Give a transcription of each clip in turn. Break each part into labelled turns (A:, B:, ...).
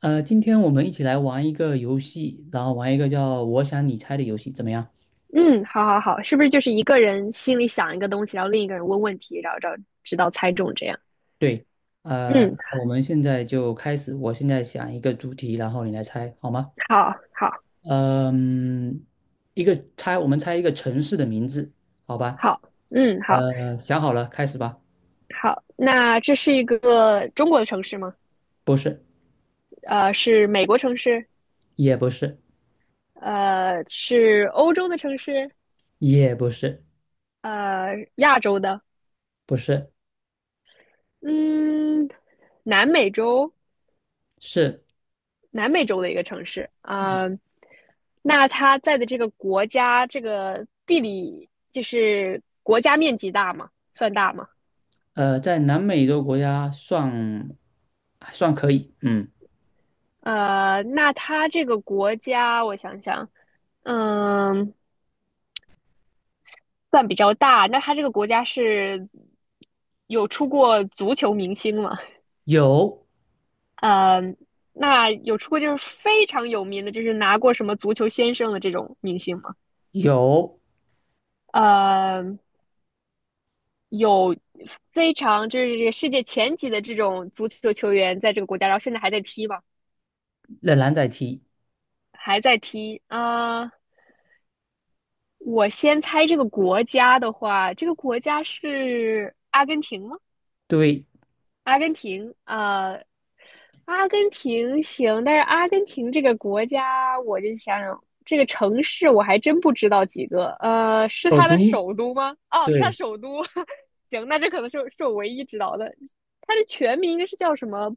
A: 今天我们一起来玩一个游戏，然后玩一个叫“我想你猜”的游戏，怎么样？
B: 嗯，好好好，是不是就是一个人心里想一个东西，然后另一个人问问题，然后找直到猜中这样？
A: 对，
B: 嗯，
A: 我们现在就开始。我现在想一个主题，然后你来猜，好吗？
B: 好，好，
A: 嗯，一个猜，我们猜一个城市的名字，好吧？
B: 好，嗯，好，
A: 想好了，开始吧。
B: 好。那这是一个中国的城市吗？
A: 不是，
B: 是美国城市？
A: 也不是，
B: 是欧洲的城市？
A: 也不是，
B: 亚洲的？
A: 不是，
B: 嗯，南美洲，
A: 是
B: 南美洲的一个城市。那它在的这个国家，这个地理就是国家面积大吗？算大吗？
A: 在南美洲国家算还算可以，嗯，
B: 那它这个国家，我想想，嗯，算比较大。那它这个国家是有出过足球明星吗？
A: 有
B: 呃，那有出过就是非常有名的，就是拿过什么足球先生的这种明星吗？
A: 有，
B: 呃，有非常就是这个世界前几的这种足球球员在这个国家，然后现在还在踢吧，
A: 仍然在踢，
B: 还在踢。啊，我先猜这个国家的话，这个国家是阿根廷吗？
A: 对。
B: 阿根廷，阿根廷行，但是阿根廷这个国家，我就想想，这个城市我还真不知道几个。是
A: 首
B: 它的
A: 都，
B: 首都吗？哦，是它
A: 对，
B: 首都。行，那这可能是是我唯一知道的。它的全名应该是叫什么？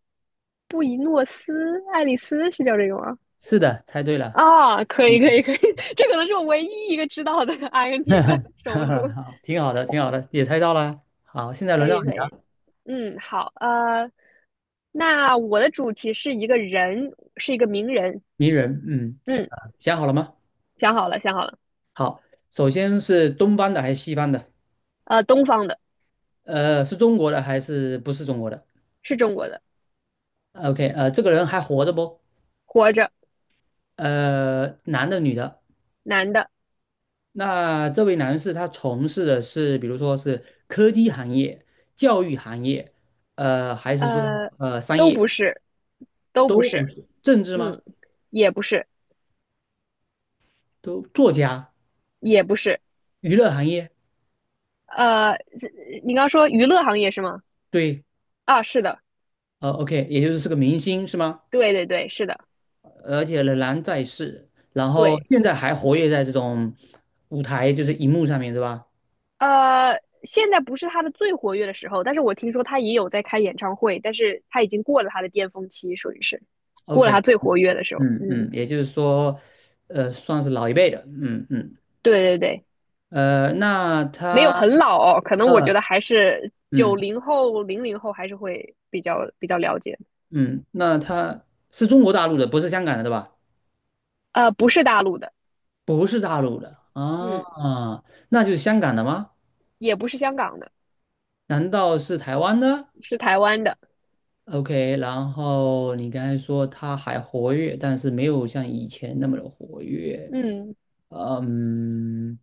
B: 布宜诺斯艾利斯是叫这个吗？
A: 是的，猜对了，
B: 啊，可以，可
A: 嗯，
B: 以，可以，这可能是我唯一一个知道的阿根廷的 首都。
A: 好，挺好的，挺好的，也猜到了。好，现在
B: 可
A: 轮到
B: 以，
A: 你
B: 可以。
A: 了，
B: 嗯，好，那我的主题是一个人，是一个名人。
A: 名人，嗯，
B: 嗯，
A: 想好了吗？
B: 想好了，想好了，
A: 首先是东方的还是西方的？
B: 东方的，
A: 是中国的还是不是中国的
B: 是中国的，
A: ？OK,这个人还活着不？
B: 活着，
A: 男的女的？
B: 男的，
A: 那这位男士他从事的是，比如说是科技行业、教育行业，还是说
B: 呃，
A: 商
B: 都
A: 业
B: 不是，都不
A: 都不
B: 是，
A: 是？政治吗？
B: 嗯，也不是，
A: 都作家、
B: 也不是，
A: 娱乐行业？
B: 呃，你刚说娱乐行业是吗？
A: 对，
B: 啊，是的，
A: 呃，OK,也就是是个明星是吗？
B: 对对对，是的，
A: 而且仍然在世，然后
B: 对，
A: 现在还活跃在这种舞台，就是荧幕上面，对吧
B: 呃，现在不是他的最活跃的时候，但是我听说他也有在开演唱会，但是他已经过了他的巅峰期，属于是过了
A: ？OK,
B: 他最活跃的时候，
A: 嗯嗯，
B: 嗯，
A: 也就是说，算是老一辈的，嗯嗯，
B: 对对对。
A: 呃，那
B: 没
A: 他，
B: 有很老哦，可能我觉
A: 呃，
B: 得还是九
A: 嗯
B: 零后、00后还是会比较了解。
A: 嗯，那他是中国大陆的，不是香港的，对吧？
B: 不是大陆的，
A: 不是大陆的啊，
B: 嗯，
A: 那就是香港的吗？
B: 也不是香港的，
A: 难道是台湾的？
B: 是台湾的，
A: OK,然后你刚才说他还活跃，但是没有像以前那么的活跃。
B: 嗯，
A: 嗯，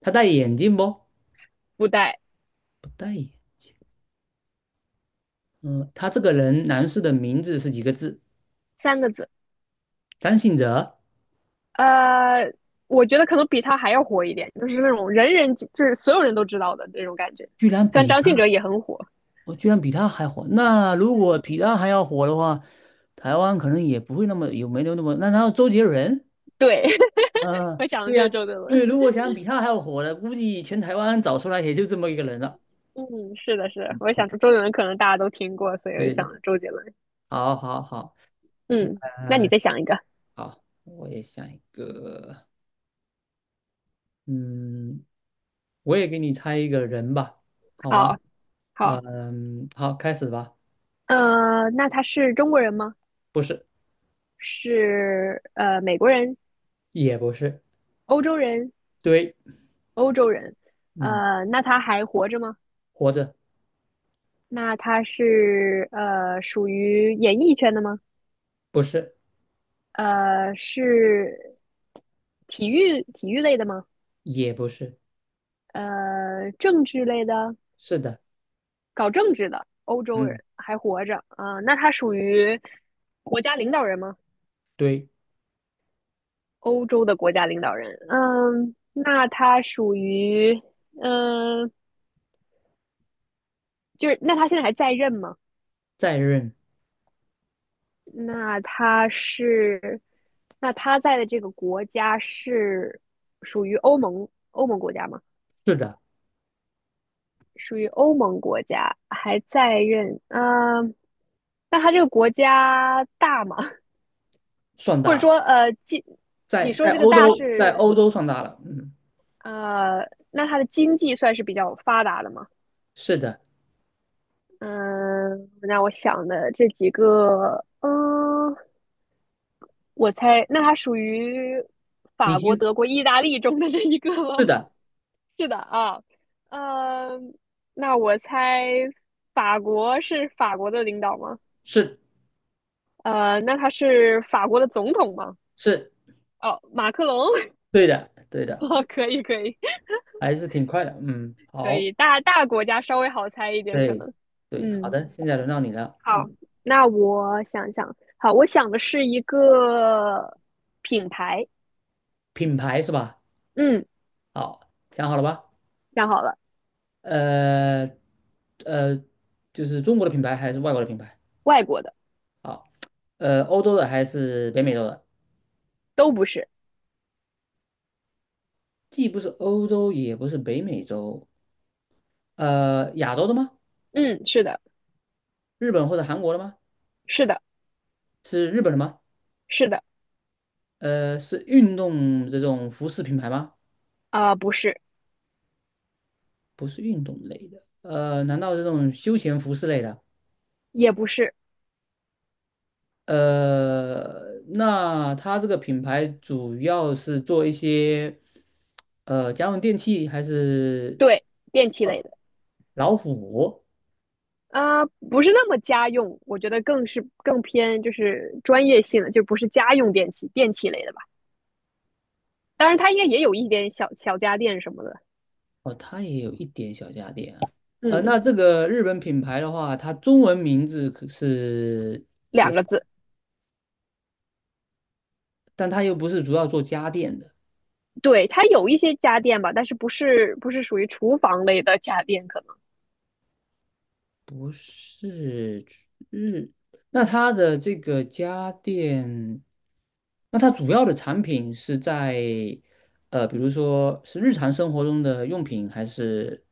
A: 他戴眼镜不？
B: 不带
A: 不戴眼。嗯，他这个人，男士的名字是几个字？
B: 三个字。
A: 张信哲，
B: 呃，我觉得可能比他还要火一点，就是那种人人就是所有人都知道的那种感觉。
A: 居然
B: 虽然
A: 比
B: 张
A: 他，
B: 信哲也很火，
A: 我居然比他还火。那如果
B: 嗯，
A: 比他还要火的话，台湾可能也不会那么有没有那么。那然后周杰伦，
B: 对，
A: 嗯，
B: 我想的
A: 对
B: 就是
A: 呀、
B: 周杰
A: 因为
B: 伦。
A: 如果想比他还要火的，估计全台湾找出来也就这么一个人了。
B: 嗯，是的，是，我
A: 嗯，
B: 想说周杰伦可能大家都听过，所以我
A: 对
B: 想
A: 对，
B: 周杰伦。
A: 好好好。
B: 嗯，那你
A: 呃
B: 再想一个，
A: 好，我也想一个，嗯，我也给你猜一个人吧，好吗？
B: 好好。
A: 嗯，好，开始吧。
B: 那他是中国人吗？
A: 不是，
B: 是美国人、
A: 也不是，
B: 欧洲人、
A: 对，
B: 欧洲人。
A: 嗯，
B: 那他还活着吗？
A: 活着，
B: 那他是属于演艺圈的吗？
A: 不是，
B: 是体育类的吗？
A: 也不是，
B: 政治类的，
A: 是的，
B: 搞政治的欧洲
A: 嗯，
B: 人还活着啊，那他属于国家领导人吗？
A: 对，
B: 欧洲的国家领导人，嗯，那他属于嗯、呃就是那他现在还在任吗？
A: 在任，
B: 那他是，那他在的这个国家是属于欧盟国家吗？
A: 是的，
B: 属于欧盟国家，还在任。嗯、那他这个国家大吗？
A: 算
B: 或
A: 大
B: 者
A: 了，
B: 说，
A: 在
B: 你说
A: 在
B: 这个
A: 欧
B: 大
A: 洲，在
B: 是，
A: 欧洲算大了，嗯，
B: 那他的经济算是比较发达的吗？
A: 是的，
B: 嗯、那我想的这几个，我猜，那它属于
A: 你
B: 法
A: 其
B: 国、
A: 实
B: 德国、意大利中的这一个吗？
A: 是的，
B: 是的啊，呃，那我猜法国是法国的领导吗？
A: 是
B: 那他是法国的总统吗？
A: 是，
B: 哦，马克龙，
A: 对的，对 的，
B: 哦，可以，可以，
A: 还是挺快的，嗯，
B: 可
A: 好，
B: 以，大国家稍微好猜一点，可
A: 对
B: 能，
A: 对，好
B: 嗯，
A: 的，现在轮到你了，
B: 好，
A: 嗯，
B: 那我想想，好，我想的是一个品牌，
A: 品牌是吧？
B: 嗯，
A: 好，想好了吧？
B: 想好了，
A: 呃，呃，就是中国的品牌还是外国的品牌？
B: 外国的，
A: 好，欧洲的还是北美洲的？
B: 都不是，
A: 既不是欧洲，也不是北美洲，亚洲的吗？
B: 嗯，是的，
A: 日本或者韩国的吗？
B: 是的。
A: 是日本的吗？
B: 是的，
A: 是运动这种服饰品牌吗？
B: 啊、不是，
A: 不是运动类的，难道这种休闲服饰类的？
B: 也不是，
A: 那它这个品牌主要是做一些，家用电器还是？
B: 对，电器类的，
A: 老虎
B: 啊、不是那么家用，我觉得更是更偏就是专业性的，就不是家用电器，电器类的吧。当然，它应该也有一点小小家电什么的，
A: 哦，它也有一点小家电啊。
B: 嗯，
A: 那这个日本品牌的话，它中文名字可是这
B: 两
A: 个，
B: 个字，
A: 但它又不是主要做家电的，
B: 对，它有一些家电吧，但是不是属于厨房类的家电，可能，
A: 不是日。那它的这个家电，那它主要的产品是在比如说是日常生活中的用品，还是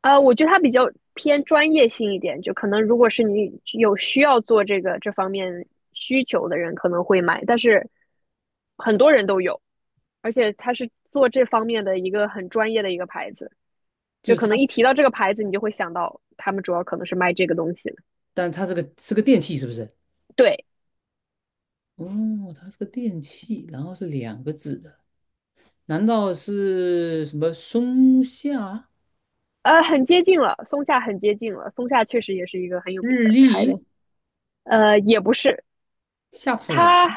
B: 啊，我觉得它比较偏专业性一点，就可能如果是你有需要做这个这方面需求的人，可能会买，但是很多人都有。而且它是做这方面的一个很专业的一个牌子，
A: 就
B: 就
A: 是
B: 可
A: 它，
B: 能一提到这个牌子，你就会想到他们主要可能是卖这个东西的。
A: 但它是个是个电器，是不是？
B: 对，
A: 哦，它是个电器，然后是两个字的。难道是什么松下、
B: 很接近了，松下很接近了，松下确实也是一个很有
A: 日
B: 名的牌
A: 立、
B: 子，也不是，
A: 夏普？
B: 它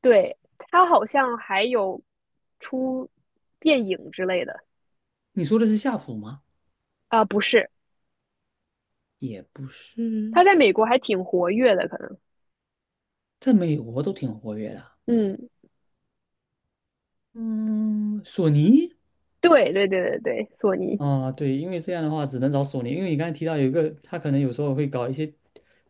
B: 对它好像还有出电影之类的
A: 你说的是夏普吗？
B: 不是，
A: 也不是，
B: 它在美国还挺活跃的，可能，
A: 在美国都挺活跃的。
B: 嗯，
A: 嗯，索尼
B: 对对对对对，索尼。
A: 啊，对，因为这样的话只能找索尼，因为你刚才提到有一个，他可能有时候会搞一些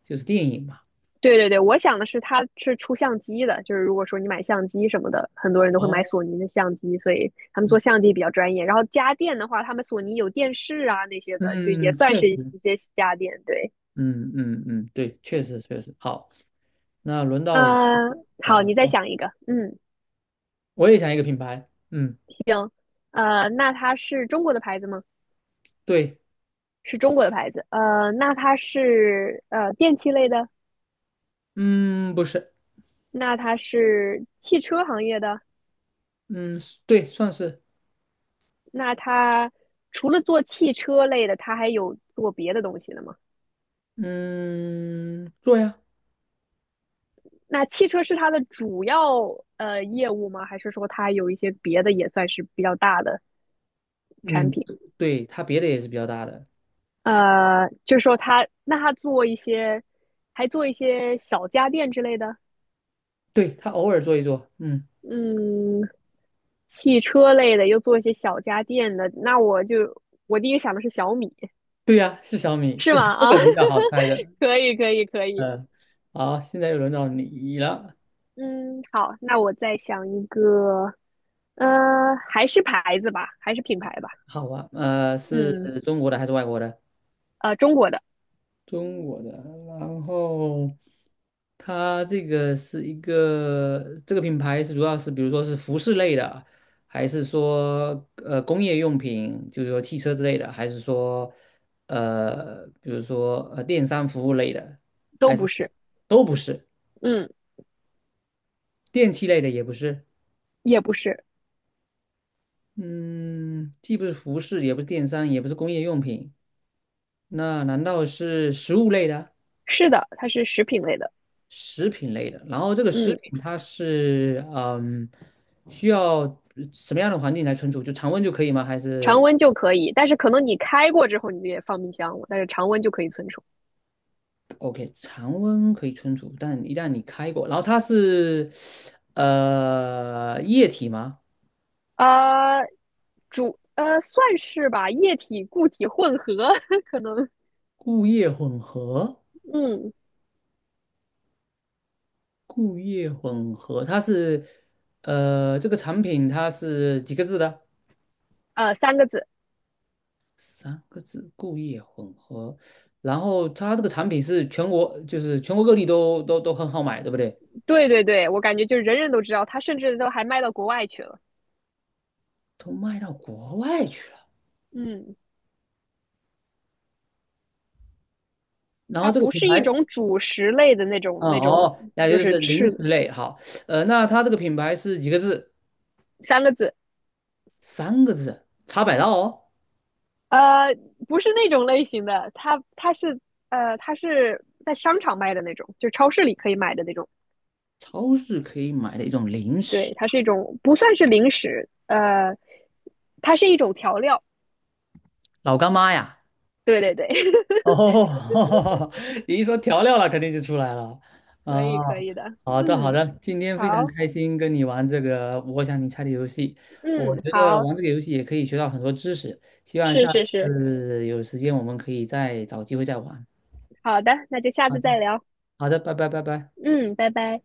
A: 就是电影嘛。
B: 对对对，我想的是它是出相机的，就是如果说你买相机什么的，很多人都会买
A: 哦，
B: 索尼的相机，所以他们做相机比较专业。然后家电的话，他们索尼有电视啊那些的，就也
A: 嗯，
B: 算
A: 确
B: 是一
A: 实，
B: 一些家电。对，
A: 嗯嗯嗯，对，确实确实。好，那轮到我
B: 呃，
A: 讲
B: 好，
A: 了，
B: 你再想一个，嗯，
A: 我也想一个品牌。嗯，
B: 那它是中国的牌子吗？
A: 对，
B: 是中国的牌子，那它是电器类的，
A: 嗯，不是，
B: 那它是汽车行业的，
A: 嗯，对，算是。
B: 那它除了做汽车类的，它还有做别的东西的吗？
A: 嗯，做呀，
B: 那汽车是它的主要业务吗？还是说它有一些别的也算是比较大的产
A: 嗯，
B: 品？
A: 对，对它别的也是比较大的，
B: 就是说它那它做一些，还做一些小家电之类的，
A: 对，它偶尔做一做，嗯，
B: 嗯，汽车类的又做一些小家电的，那我就我第一个想的是小米，
A: 对呀，是小米，
B: 是吗？
A: 这
B: 啊，
A: 个比较好猜 的，
B: 可以可以可以，
A: 嗯，好，现在又轮到你了，
B: 嗯，好，那我再想一个，还是牌子吧，还是品牌吧，
A: 好吧，是
B: 嗯，
A: 中国的还是外国的？
B: 中国的，
A: 中国的，然后它这个是一个这个品牌是主要是比如说是服饰类的，还是说工业用品，就是说汽车之类的，还是说比如说电商服务类的，
B: 都
A: 还是
B: 不是，
A: 都不是，
B: 嗯，
A: 电器类的也不是，
B: 也不是，
A: 嗯，既不是服饰，也不是电商，也不是工业用品，那难道是食物类的？
B: 是的，它是食品类的，
A: 食品类的。然后这个食
B: 嗯，
A: 品它是嗯，需要什么样的环境来存储？就常温就可以吗？还是
B: 常温就可以，但是可能你开过之后你也放冰箱了，但是常温就可以存储。
A: OK,常温可以存储，但一旦你开过，然后它是液体吗？
B: 呃，算是吧，液体固体混合 可能，
A: 固液混合，
B: 嗯
A: 固液混合，它是这个产品它是几个字的？
B: 三个字，
A: 三个字，固液混合。然后它这个产品是全国，就是全国各地都很好买，对不对？
B: 对对对，我感觉就是人人都知道，它甚至都还卖到国外去了，
A: 都卖到国外去了。
B: 嗯，
A: 然后
B: 它
A: 这个
B: 不
A: 品
B: 是一
A: 牌，
B: 种主食类的那
A: 哦
B: 种那种，
A: 哦，那
B: 就
A: 就
B: 是
A: 是零
B: 吃
A: 食
B: 的
A: 类。好，那它这个品牌是几个字？
B: 三个字，
A: 三个字，茶百道哦，
B: 呃，不是那种类型的，它是在商场卖的那种，就超市里可以买的那种。
A: 超市可以买的一种零
B: 对，
A: 食，
B: 它是一种不算是零食，它是一种调料。
A: 老干妈呀。
B: 对对对，
A: 哦，你一说调料了，肯定就出来了。
B: 可以
A: 啊，
B: 可以的。
A: 好的好
B: 嗯，
A: 的，今天非常
B: 好，
A: 开心跟你玩这个我想你猜的游戏。我
B: 嗯，
A: 觉得
B: 好，
A: 玩这个游戏也可以学到很多知识，希望下
B: 是是是，
A: 次有时间我们可以再找机会再玩。
B: 好的，那就下次再聊。
A: 好的，拜拜，拜拜。
B: 嗯，拜拜。